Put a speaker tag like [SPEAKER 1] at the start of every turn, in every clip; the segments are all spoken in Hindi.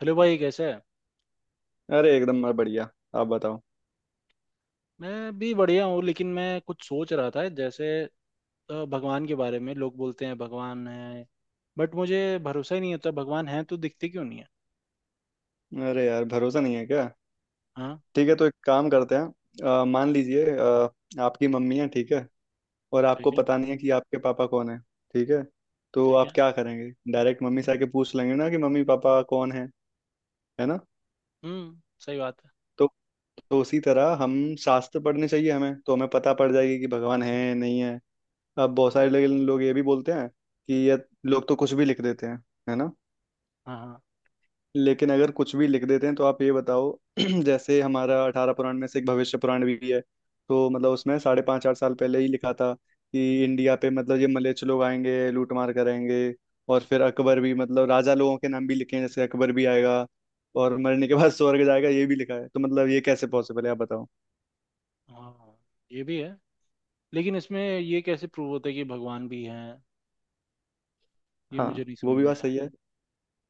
[SPEAKER 1] हेलो भाई, कैसे है?
[SPEAKER 2] अरे एकदम मैं बढ़िया। आप बताओ।
[SPEAKER 1] मैं भी बढ़िया हूँ, लेकिन मैं कुछ सोच रहा था जैसे भगवान के बारे में लोग बोलते हैं भगवान है। बट मुझे भरोसा ही नहीं होता, भगवान है तो दिखते क्यों नहीं है?
[SPEAKER 2] अरे यार भरोसा नहीं है क्या?
[SPEAKER 1] हाँ।
[SPEAKER 2] ठीक है, तो एक काम करते हैं। मान लीजिए, आपकी मम्मी है, ठीक है, और आपको
[SPEAKER 1] ठीक है।
[SPEAKER 2] पता नहीं है कि आपके पापा कौन है। ठीक है, तो
[SPEAKER 1] ठीक
[SPEAKER 2] आप
[SPEAKER 1] है।
[SPEAKER 2] क्या करेंगे? डायरेक्ट मम्मी से आके पूछ लेंगे ना कि मम्मी पापा कौन है ना?
[SPEAKER 1] हम्म, सही बात है।
[SPEAKER 2] तो तो उसी तरह हम शास्त्र पढ़ने चाहिए हमें, तो हमें पता पड़ जाएगी कि भगवान है नहीं है। अब बहुत सारे लोग लोग ये भी बोलते हैं कि ये लोग तो कुछ भी लिख देते हैं, है ना?
[SPEAKER 1] हाँ, हाँ।
[SPEAKER 2] लेकिन अगर कुछ भी लिख देते हैं तो आप ये बताओ, जैसे हमारा 18 पुराण में से एक भविष्य पुराण भी है। तो मतलब उसमें साढ़े पाँच आठ साल पहले ही लिखा था कि इंडिया पे मतलब ये मलेच्छ लोग आएंगे, लूटमार करेंगे, और फिर अकबर भी, मतलब राजा लोगों के नाम भी लिखे हैं, जैसे अकबर भी आएगा और मरने के बाद स्वर्ग जाएगा, ये भी लिखा है। तो मतलब ये कैसे पॉसिबल है, आप बताओ।
[SPEAKER 1] हाँ, ये भी है। लेकिन इसमें ये कैसे प्रूव होता है कि भगवान भी हैं, ये
[SPEAKER 2] हाँ,
[SPEAKER 1] मुझे नहीं
[SPEAKER 2] वो
[SPEAKER 1] समझ
[SPEAKER 2] भी
[SPEAKER 1] में
[SPEAKER 2] बात
[SPEAKER 1] आया।
[SPEAKER 2] सही है।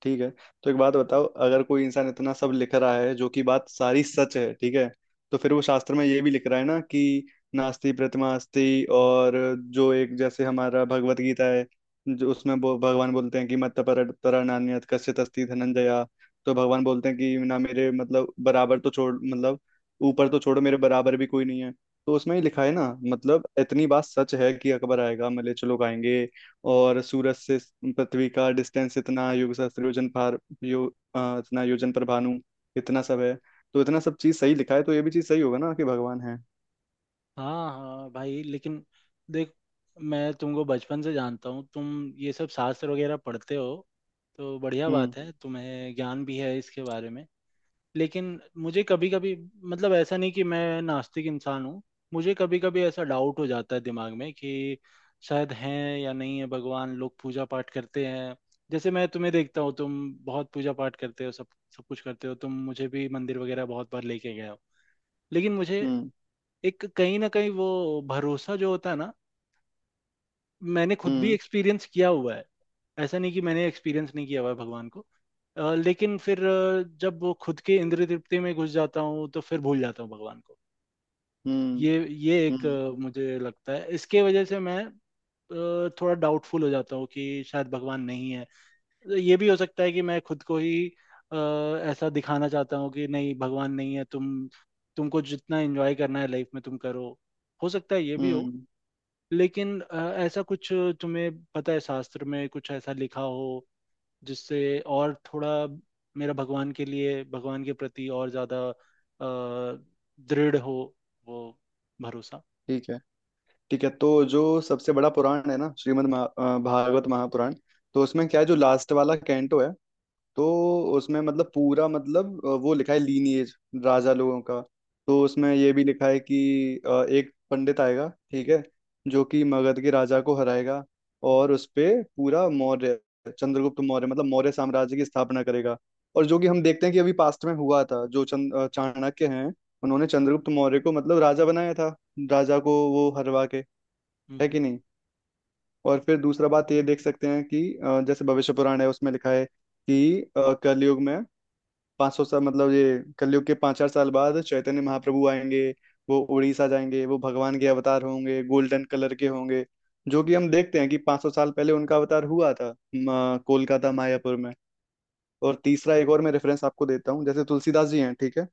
[SPEAKER 2] ठीक है, तो एक बात बताओ, अगर कोई इंसान इतना सब लिख रहा है जो कि बात सारी सच है, ठीक है, तो फिर वो शास्त्र में ये भी लिख रहा है ना कि नास्ति प्रथमास्ति, और जो एक जैसे हमारा भगवत गीता है, जो उसमें वो भगवान बोलते हैं कि मत्त पर तरा नान्यत कश्चित अस्ति धनंजया। तो भगवान बोलते हैं कि ना मेरे मतलब बराबर तो छोड़, मतलब ऊपर तो छोड़ो, मेरे बराबर भी कोई नहीं है। तो उसमें ही लिखा है ना, मतलब इतनी बात सच है कि अकबर आएगा, मलेच्छ लोग आएंगे, और सूरज से पृथ्वी का डिस्टेंस इतना, युग सहस्त्र योजन पार, यो इतना योजन पर भानु, इतना सब है। तो इतना सब चीज सही लिखा है तो ये भी चीज सही होगा ना कि भगवान है।
[SPEAKER 1] हाँ हाँ भाई, लेकिन देख, मैं तुमको बचपन से जानता हूँ, तुम ये सब शास्त्र वगैरह पढ़ते हो तो बढ़िया
[SPEAKER 2] हम्म।
[SPEAKER 1] बात है, तुम्हें ज्ञान भी है इसके बारे में। लेकिन मुझे कभी कभी, मतलब ऐसा नहीं कि मैं नास्तिक इंसान हूँ। मुझे कभी कभी ऐसा डाउट हो जाता है दिमाग में कि शायद हैं या नहीं है भगवान, लोग पूजा पाठ करते हैं। जैसे मैं तुम्हें देखता हूँ, तुम बहुत पूजा पाठ करते हो, सब सब कुछ करते हो, तुम मुझे भी मंदिर वगैरह बहुत बार लेके गए हो। लेकिन मुझे
[SPEAKER 2] हम्म।
[SPEAKER 1] एक कहीं ना कहीं वो भरोसा जो होता है ना, मैंने खुद भी
[SPEAKER 2] हम्म।
[SPEAKER 1] एक्सपीरियंस किया हुआ है। ऐसा नहीं कि मैंने एक्सपीरियंस नहीं किया हुआ है भगवान को। लेकिन फिर जब वो खुद के इंद्रिय तृप्ति में घुस जाता हूँ तो फिर भूल जाता हूँ भगवान को।
[SPEAKER 2] हम्म।
[SPEAKER 1] ये एक,
[SPEAKER 2] हम्म।
[SPEAKER 1] मुझे लगता है इसके वजह से मैं थोड़ा डाउटफुल हो जाता हूँ कि शायद भगवान नहीं है। ये भी हो सकता है कि मैं खुद को ही अ, ऐसा दिखाना चाहता हूँ कि नहीं, भगवान नहीं है, तुमको जितना एंजॉय करना है लाइफ में तुम करो। हो सकता है ये भी हो।
[SPEAKER 2] हम्म।
[SPEAKER 1] लेकिन ऐसा कुछ, तुम्हें पता है शास्त्र में कुछ ऐसा लिखा हो जिससे और थोड़ा मेरा भगवान के प्रति और ज्यादा दृढ़ हो, वो भरोसा।
[SPEAKER 2] ठीक है। ठीक है, तो जो सबसे बड़ा पुराण है ना, भागवत महापुराण, तो उसमें क्या है, जो लास्ट वाला कैंटो है, तो उसमें मतलब पूरा, मतलब वो लिखा है लीनिएज राजा लोगों का। तो उसमें ये भी लिखा है कि एक पंडित आएगा, ठीक है, जो कि मगध के राजा को हराएगा, और उस पे पूरा मौर्य, चंद्रगुप्त मौर्य, मतलब मौर्य साम्राज्य की स्थापना करेगा। और जो कि हम देखते हैं कि अभी पास्ट में हुआ था, जो चाणक्य हैं, उन्होंने चंद्रगुप्त मौर्य को मतलब राजा बनाया था, राजा को वो हरवा के,
[SPEAKER 1] हम्म,
[SPEAKER 2] है कि नहीं? और फिर दूसरा बात ये देख सकते हैं कि जैसे भविष्य पुराण है उसमें लिखा है कि कलयुग में 500 साल, मतलब ये कलयुग के पाँच चार साल बाद चैतन्य महाप्रभु आएंगे, वो उड़ीसा जाएंगे, वो भगवान के अवतार होंगे, गोल्डन कलर के होंगे, जो कि हम देखते हैं कि 500 साल पहले उनका अवतार हुआ था कोलकाता मायापुर में। और तीसरा एक और मैं रेफरेंस आपको देता हूँ, जैसे तुलसीदास जी हैं, ठीक है,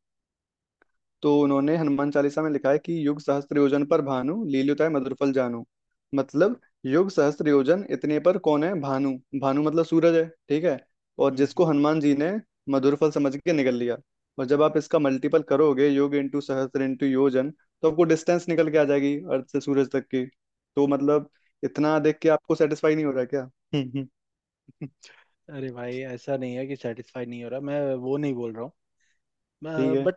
[SPEAKER 2] तो उन्होंने हनुमान चालीसा में लिखा है कि युग सहस्त्र योजन पर भानु लील्युताय मधुरफल जानू। मतलब युग सहस्त्र योजन इतने पर कौन है? भानु। भानु मतलब सूरज है, ठीक है, और
[SPEAKER 1] हम्म,
[SPEAKER 2] जिसको हनुमान जी ने मधुरफल समझ के निगल लिया। और जब आप इसका मल्टीपल करोगे, युग इंटू सहस्त्र इंटू योजन, तो आपको डिस्टेंस निकल के आ जाएगी अर्थ से सूरज तक की। तो मतलब इतना देख के आपको सेटिस्फाई नहीं हो रहा क्या? हम्म।
[SPEAKER 1] हम्म। अरे भाई, ऐसा नहीं है कि सेटिस्फाई नहीं हो रहा, मैं वो नहीं बोल रहा
[SPEAKER 2] ठीक
[SPEAKER 1] हूँ,
[SPEAKER 2] है।
[SPEAKER 1] बट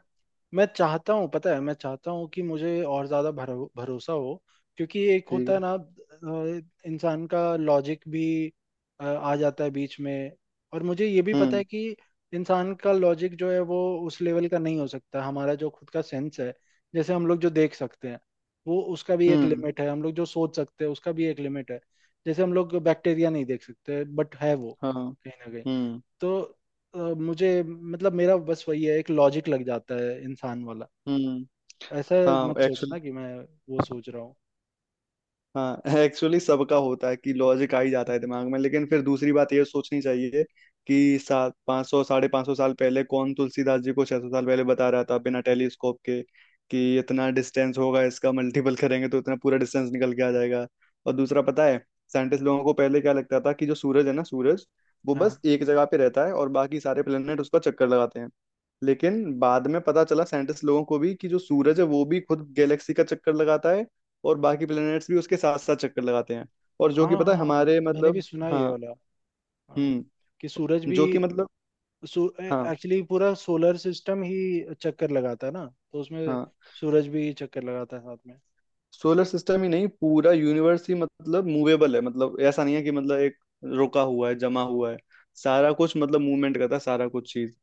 [SPEAKER 1] मैं चाहता हूँ, पता है, मैं चाहता हूँ कि मुझे और ज़्यादा भरोसा हो। क्योंकि एक
[SPEAKER 2] ठीक
[SPEAKER 1] होता है
[SPEAKER 2] है।
[SPEAKER 1] ना, इंसान का लॉजिक भी आ जाता है बीच में। और मुझे ये भी पता
[SPEAKER 2] हम्म।
[SPEAKER 1] है कि इंसान का लॉजिक जो है वो उस लेवल का नहीं हो सकता, हमारा जो खुद का सेंस है, जैसे हम लोग जो देख सकते हैं वो, उसका भी एक
[SPEAKER 2] हम्म।
[SPEAKER 1] लिमिट है, हम लोग जो सोच सकते हैं उसका भी एक लिमिट है। जैसे हम लोग बैक्टीरिया नहीं देख सकते, बट है वो
[SPEAKER 2] हाँ।
[SPEAKER 1] कहीं ना कहीं।
[SPEAKER 2] हम्म।
[SPEAKER 1] तो मुझे, मतलब मेरा बस वही है, एक लॉजिक लग जाता है इंसान वाला,
[SPEAKER 2] हम्म।
[SPEAKER 1] ऐसा
[SPEAKER 2] हाँ
[SPEAKER 1] मत
[SPEAKER 2] एक्चुअल,
[SPEAKER 1] सोचना कि मैं वो सोच रहा हूँ।
[SPEAKER 2] हाँ एक्चुअली सबका होता है कि लॉजिक आ ही जाता है दिमाग में, लेकिन फिर दूसरी बात ये सोचनी चाहिए कि सात पाँच सौ, साढ़े पाँच सौ साल पहले, कौन तुलसीदास जी को 600 साल पहले बता रहा था बिना टेलीस्कोप के कि इतना डिस्टेंस होगा, इसका मल्टीपल करेंगे तो इतना पूरा डिस्टेंस निकल के आ जाएगा? और दूसरा, पता है साइंटिस्ट लोगों को पहले क्या लगता था कि जो सूरज है ना, सूरज वो
[SPEAKER 1] हाँ,
[SPEAKER 2] बस एक जगह पे रहता है और बाकी सारे प्लेनेट उसका चक्कर लगाते हैं। लेकिन बाद में पता चला साइंटिस्ट लोगों को भी कि जो सूरज है वो भी खुद गैलेक्सी का चक्कर लगाता है, और बाकी प्लैनेट्स भी उसके साथ साथ चक्कर लगाते हैं। और जो
[SPEAKER 1] हाँ,
[SPEAKER 2] कि पता
[SPEAKER 1] हाँ,
[SPEAKER 2] है
[SPEAKER 1] हाँ,
[SPEAKER 2] हमारे
[SPEAKER 1] मैंने भी
[SPEAKER 2] मतलब,
[SPEAKER 1] सुना है ये
[SPEAKER 2] हाँ।
[SPEAKER 1] वाला। हाँ, कि सूरज
[SPEAKER 2] हम्म,
[SPEAKER 1] भी
[SPEAKER 2] जो कि मतलब, हाँ।
[SPEAKER 1] एक्चुअली पूरा सोलर सिस्टम ही चक्कर लगाता है ना, तो उसमें
[SPEAKER 2] हाँ,
[SPEAKER 1] सूरज भी चक्कर लगाता है साथ में।
[SPEAKER 2] सोलर सिस्टम ही नहीं, पूरा यूनिवर्स ही मतलब मूवेबल है। मतलब ऐसा नहीं है कि मतलब एक रुका हुआ है, जमा हुआ है, सारा कुछ मतलब मूवमेंट करता है, सारा कुछ चीज।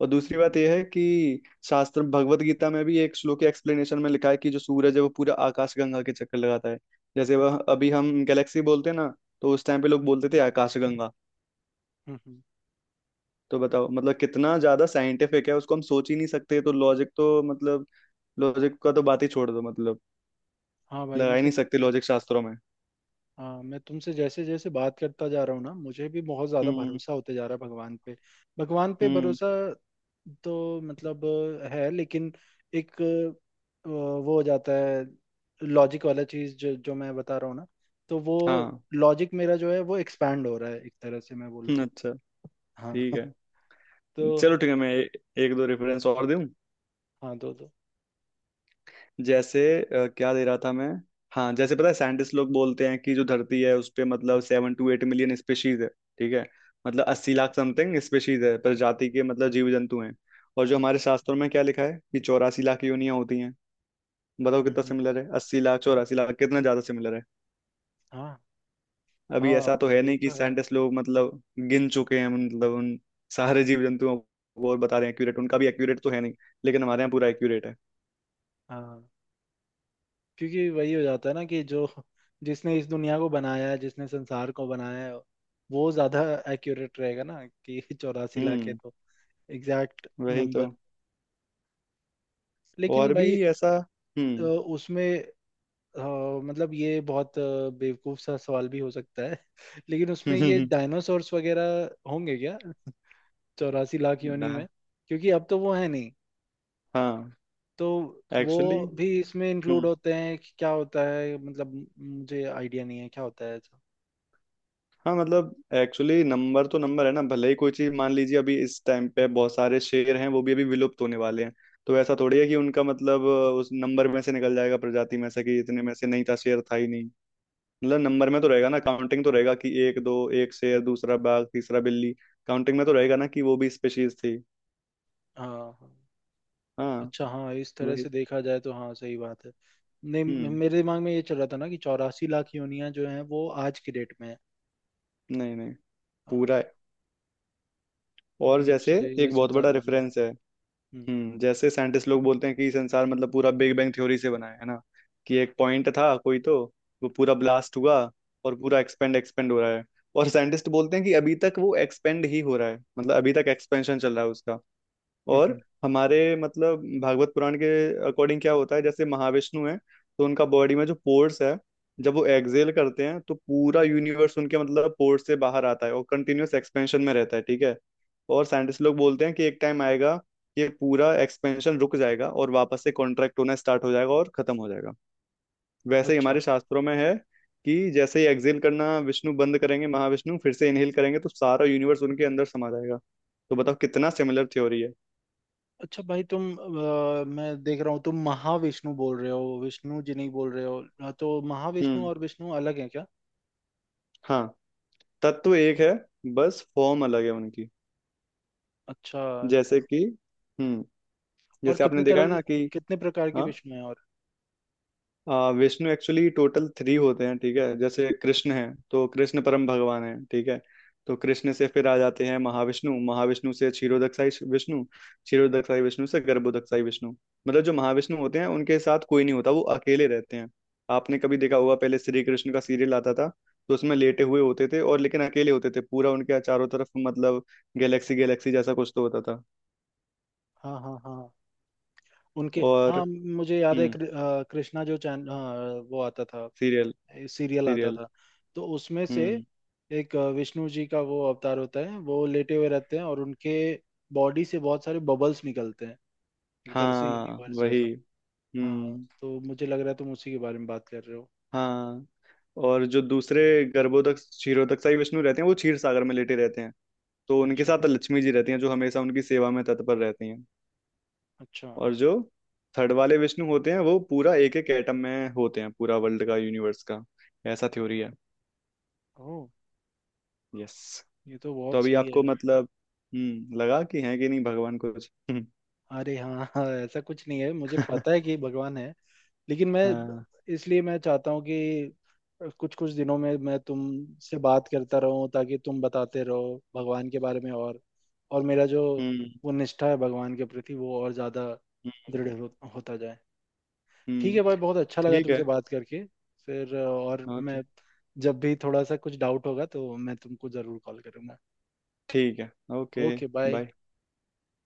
[SPEAKER 2] और दूसरी बात
[SPEAKER 1] हम्म,
[SPEAKER 2] यह है कि शास्त्र भगवत गीता में भी एक श्लोक के एक्सप्लेनेशन में लिखा है कि जो सूरज है वो पूरा आकाशगंगा के चक्कर लगाता है। जैसे वह अभी हम गैलेक्सी बोलते हैं ना, तो उस टाइम पे लोग बोलते थे आकाशगंगा।
[SPEAKER 1] हम्म, हम्म।
[SPEAKER 2] तो बताओ मतलब कितना ज्यादा साइंटिफिक है, उसको हम सोच ही नहीं सकते। तो लॉजिक तो मतलब, लॉजिक का तो बात ही छोड़ दो मतलब,
[SPEAKER 1] हाँ भाई,
[SPEAKER 2] लगा ही नहीं
[SPEAKER 1] मतलब
[SPEAKER 2] सकते लॉजिक शास्त्रों में।
[SPEAKER 1] हाँ, मैं तुमसे जैसे जैसे बात करता जा रहा हूँ ना, मुझे भी बहुत ज्यादा
[SPEAKER 2] हम्म।
[SPEAKER 1] भरोसा होते जा रहा है भगवान पे। भगवान पे
[SPEAKER 2] हम्म।
[SPEAKER 1] भरोसा, तो मतलब है, लेकिन एक वो हो जाता है लॉजिक वाला चीज, जो जो मैं बता रहा हूँ ना, तो वो
[SPEAKER 2] हाँ।
[SPEAKER 1] लॉजिक मेरा जो है वो एक्सपैंड हो रहा है, एक तरह से मैं बोलूँ तो।
[SPEAKER 2] अच्छा।
[SPEAKER 1] हाँ।
[SPEAKER 2] ठीक है।
[SPEAKER 1] तो
[SPEAKER 2] चलो ठीक है, मैं एक दो रेफरेंस और दूं।
[SPEAKER 1] हाँ, दो दो।
[SPEAKER 2] जैसे क्या दे रहा था मैं? हाँ, जैसे पता है साइंटिस्ट लोग बोलते हैं कि जो धरती है उस पे मतलब seven two eight million species है, ठीक है, मतलब 80 लाख समथिंग स्पेशीज है, प्रजाति के मतलब जीव जंतु हैं। और जो हमारे शास्त्रों में क्या लिखा है कि 84 लाख योनियां होती हैं। बताओ
[SPEAKER 1] हम्म,
[SPEAKER 2] कितना
[SPEAKER 1] हम्म,
[SPEAKER 2] सिमिलर है, 80 लाख, 84 लाख, कितना ज्यादा सिमिलर है।
[SPEAKER 1] हाँ।
[SPEAKER 2] अभी
[SPEAKER 1] हाँ,
[SPEAKER 2] ऐसा तो है
[SPEAKER 1] ये
[SPEAKER 2] नहीं कि
[SPEAKER 1] तो है।
[SPEAKER 2] साइंटिस्ट लोग मतलब गिन चुके हैं मतलब उन सारे जीव जंतुओं को, और बता रहे हैं एक्यूरेट, उनका भी एक्यूरेट तो है नहीं, लेकिन हमारे यहाँ पूरा एक्यूरेट है।
[SPEAKER 1] हाँ, क्योंकि वही हो जाता है ना कि जो जिसने इस दुनिया को बनाया है, जिसने संसार को बनाया है, वो ज्यादा एक्यूरेट रहेगा ना कि 84 लाख है
[SPEAKER 2] हम्म,
[SPEAKER 1] तो एग्जैक्ट
[SPEAKER 2] वही
[SPEAKER 1] नंबर।
[SPEAKER 2] तो।
[SPEAKER 1] लेकिन
[SPEAKER 2] और भी
[SPEAKER 1] भाई
[SPEAKER 2] ऐसा,
[SPEAKER 1] उसमें अ, मतलब ये बहुत बेवकूफ सा सवाल भी हो सकता है, लेकिन उसमें ये
[SPEAKER 2] हम्म।
[SPEAKER 1] डायनासोर्स वगैरह होंगे क्या? 84 लाख योनि में? क्योंकि अब तो वो है नहीं,
[SPEAKER 2] हाँ
[SPEAKER 1] तो वो
[SPEAKER 2] एक्चुअली,
[SPEAKER 1] भी इसमें इंक्लूड होते हैं कि क्या होता है, मतलब मुझे आइडिया नहीं है क्या होता है ऐसा।
[SPEAKER 2] हाँ मतलब एक्चुअली नंबर तो नंबर है ना, भले ही कोई चीज मान लीजिए अभी इस टाइम पे बहुत सारे शेर हैं, वो भी अभी विलुप्त होने वाले हैं, तो ऐसा थोड़ी है कि उनका मतलब उस नंबर में से निकल जाएगा, प्रजाति में से कि इतने में से नहीं था, शेर था ही नहीं। मतलब नंबर में तो रहेगा ना, काउंटिंग तो रहेगा कि एक दो, एक शेर, दूसरा बाघ, तीसरा बिल्ली, काउंटिंग में तो रहेगा ना कि वो भी स्पेशीज थी।
[SPEAKER 1] हाँ, हाँ।
[SPEAKER 2] हाँ
[SPEAKER 1] अच्छा हाँ, इस तरह से
[SPEAKER 2] वही।
[SPEAKER 1] देखा जाए तो हाँ, सही बात है। नहीं,
[SPEAKER 2] हम्म।
[SPEAKER 1] मेरे दिमाग में ये चल रहा था ना कि 84 लाख योनियां जो हैं वो आज की डेट में है।
[SPEAKER 2] नहीं नहीं, पूरा है। और
[SPEAKER 1] जब
[SPEAKER 2] जैसे
[SPEAKER 1] से ये
[SPEAKER 2] एक बहुत बड़ा
[SPEAKER 1] संसार बना है।
[SPEAKER 2] रेफरेंस है।
[SPEAKER 1] हम्म,
[SPEAKER 2] हम्म, जैसे साइंटिस्ट लोग बोलते हैं कि संसार मतलब पूरा बिग बैंग थ्योरी से बना है ना, कि एक पॉइंट था कोई तो, वो पूरा ब्लास्ट हुआ और पूरा एक्सपेंड एक्सपेंड हो रहा है। और साइंटिस्ट बोलते हैं कि अभी तक वो एक्सपेंड ही हो रहा है, मतलब अभी तक एक्सपेंशन चल रहा है उसका।
[SPEAKER 1] हम्म,
[SPEAKER 2] और
[SPEAKER 1] हम्म।
[SPEAKER 2] हमारे मतलब भागवत पुराण के अकॉर्डिंग क्या होता है, जैसे महाविष्णु है, तो उनका बॉडी में जो पोर्स है, जब वो एक्सहेल करते हैं तो पूरा यूनिवर्स उनके मतलब पोर्स से बाहर आता है और कंटिन्यूअस एक्सपेंशन में रहता है, ठीक है। और साइंटिस्ट लोग बोलते हैं कि एक टाइम आएगा कि ये पूरा एक्सपेंशन रुक जाएगा और वापस से कॉन्ट्रैक्ट होना स्टार्ट हो जाएगा और खत्म हो जाएगा। वैसे ही
[SPEAKER 1] अच्छा।
[SPEAKER 2] हमारे शास्त्रों में है कि जैसे ही एक्सहेल करना विष्णु बंद करेंगे, महाविष्णु फिर से इनहेल करेंगे, तो सारा यूनिवर्स उनके अंदर समा जाएगा। तो बताओ कितना सिमिलर थ्योरी है।
[SPEAKER 1] अच्छा भाई, तुम, मैं देख रहा हूँ तुम महाविष्णु बोल रहे हो, विष्णु जी नहीं बोल रहे हो, हाँ, तो महाविष्णु
[SPEAKER 2] हम्म।
[SPEAKER 1] और विष्णु अलग हैं क्या?
[SPEAKER 2] हाँ, तत्व एक है, बस फॉर्म अलग है उनकी,
[SPEAKER 1] अच्छा,
[SPEAKER 2] जैसे कि, हम्म,
[SPEAKER 1] और
[SPEAKER 2] जैसे आपने देखा है ना कि,
[SPEAKER 1] कितने प्रकार के
[SPEAKER 2] हाँ,
[SPEAKER 1] विष्णु हैं, और
[SPEAKER 2] विष्णु एक्चुअली टोटल थ्री होते हैं, ठीक है, जैसे कृष्ण है, तो कृष्ण परम भगवान है, ठीक है, तो कृष्ण से फिर आ जाते हैं महाविष्णु, महाविष्णु से क्षीरोदक्षाई विष्णु, क्षीरोदक्षाई विष्णु से गर्भोदक्षाई विष्णु। मतलब जो महाविष्णु होते हैं उनके साथ कोई नहीं होता, वो अकेले रहते हैं। आपने कभी देखा होगा पहले श्री कृष्ण का सीरियल आता था, तो उसमें लेटे हुए होते थे, और लेकिन अकेले होते थे, पूरा उनके चारों तरफ मतलब गैलेक्सी गैलेक्सी जैसा कुछ तो होता था।
[SPEAKER 1] हाँ, हाँ, हाँ, उनके।
[SPEAKER 2] और
[SPEAKER 1] हाँ, मुझे याद है
[SPEAKER 2] हम्म।
[SPEAKER 1] कृष्णा जो चैन, हाँ, वो आता था,
[SPEAKER 2] सीरियल।
[SPEAKER 1] सीरियल आता
[SPEAKER 2] सीरियल।
[SPEAKER 1] था, तो उसमें से
[SPEAKER 2] हम्म।
[SPEAKER 1] एक विष्णु जी का वो अवतार होता है, वो लेटे हुए रहते हैं और उनके बॉडी से बहुत सारे बबल्स निकलते हैं, एक तरह से
[SPEAKER 2] हाँ
[SPEAKER 1] यूनिवर्स
[SPEAKER 2] वही।
[SPEAKER 1] जैसा। हाँ,
[SPEAKER 2] हम्म।
[SPEAKER 1] तो मुझे लग रहा है तुम उसी के बारे में बात कर रहे हो।
[SPEAKER 2] हाँ। और जो दूसरे गर्भोदक क्षीरोदकसाई विष्णु रहते हैं वो क्षीर सागर में लेटे रहते हैं, तो उनके
[SPEAKER 1] अच्छा,
[SPEAKER 2] साथ लक्ष्मी जी रहती हैं जो हमेशा उनकी सेवा में तत्पर रहती हैं।
[SPEAKER 1] अच्छा।
[SPEAKER 2] और जो थर्ड वाले विष्णु होते हैं वो पूरा एक एक एटम में होते हैं, पूरा वर्ल्ड का यूनिवर्स का, ऐसा थ्योरी है।
[SPEAKER 1] ओह।
[SPEAKER 2] यस।
[SPEAKER 1] ये तो
[SPEAKER 2] तो
[SPEAKER 1] बहुत
[SPEAKER 2] अभी
[SPEAKER 1] सही है
[SPEAKER 2] आपको
[SPEAKER 1] यार।
[SPEAKER 2] मतलब, हम्म, लगा कि है कि नहीं भगवान, कुछ? हम्म।
[SPEAKER 1] अरे हाँ, हाँ, ऐसा कुछ नहीं है, मुझे पता है कि भगवान है। लेकिन मैं,
[SPEAKER 2] हाँ।
[SPEAKER 1] इसलिए मैं चाहता हूँ कि कुछ कुछ दिनों में मैं तुमसे बात करता रहूं ताकि तुम बताते रहो भगवान के बारे में, और मेरा जो
[SPEAKER 2] हम्म।
[SPEAKER 1] वो निष्ठा है भगवान के प्रति, वो और ज्यादा
[SPEAKER 2] हम्म।
[SPEAKER 1] दृढ़ हो, होता जाए। ठीक
[SPEAKER 2] हम्म।
[SPEAKER 1] है भाई, बहुत अच्छा लगा
[SPEAKER 2] ठीक है।
[SPEAKER 1] तुमसे बात करके। फिर और
[SPEAKER 2] ओके।
[SPEAKER 1] मैं जब भी थोड़ा सा कुछ डाउट होगा तो मैं तुमको जरूर कॉल करूंगा।
[SPEAKER 2] ठीक है। ओके।
[SPEAKER 1] Okay, bye.
[SPEAKER 2] बाय।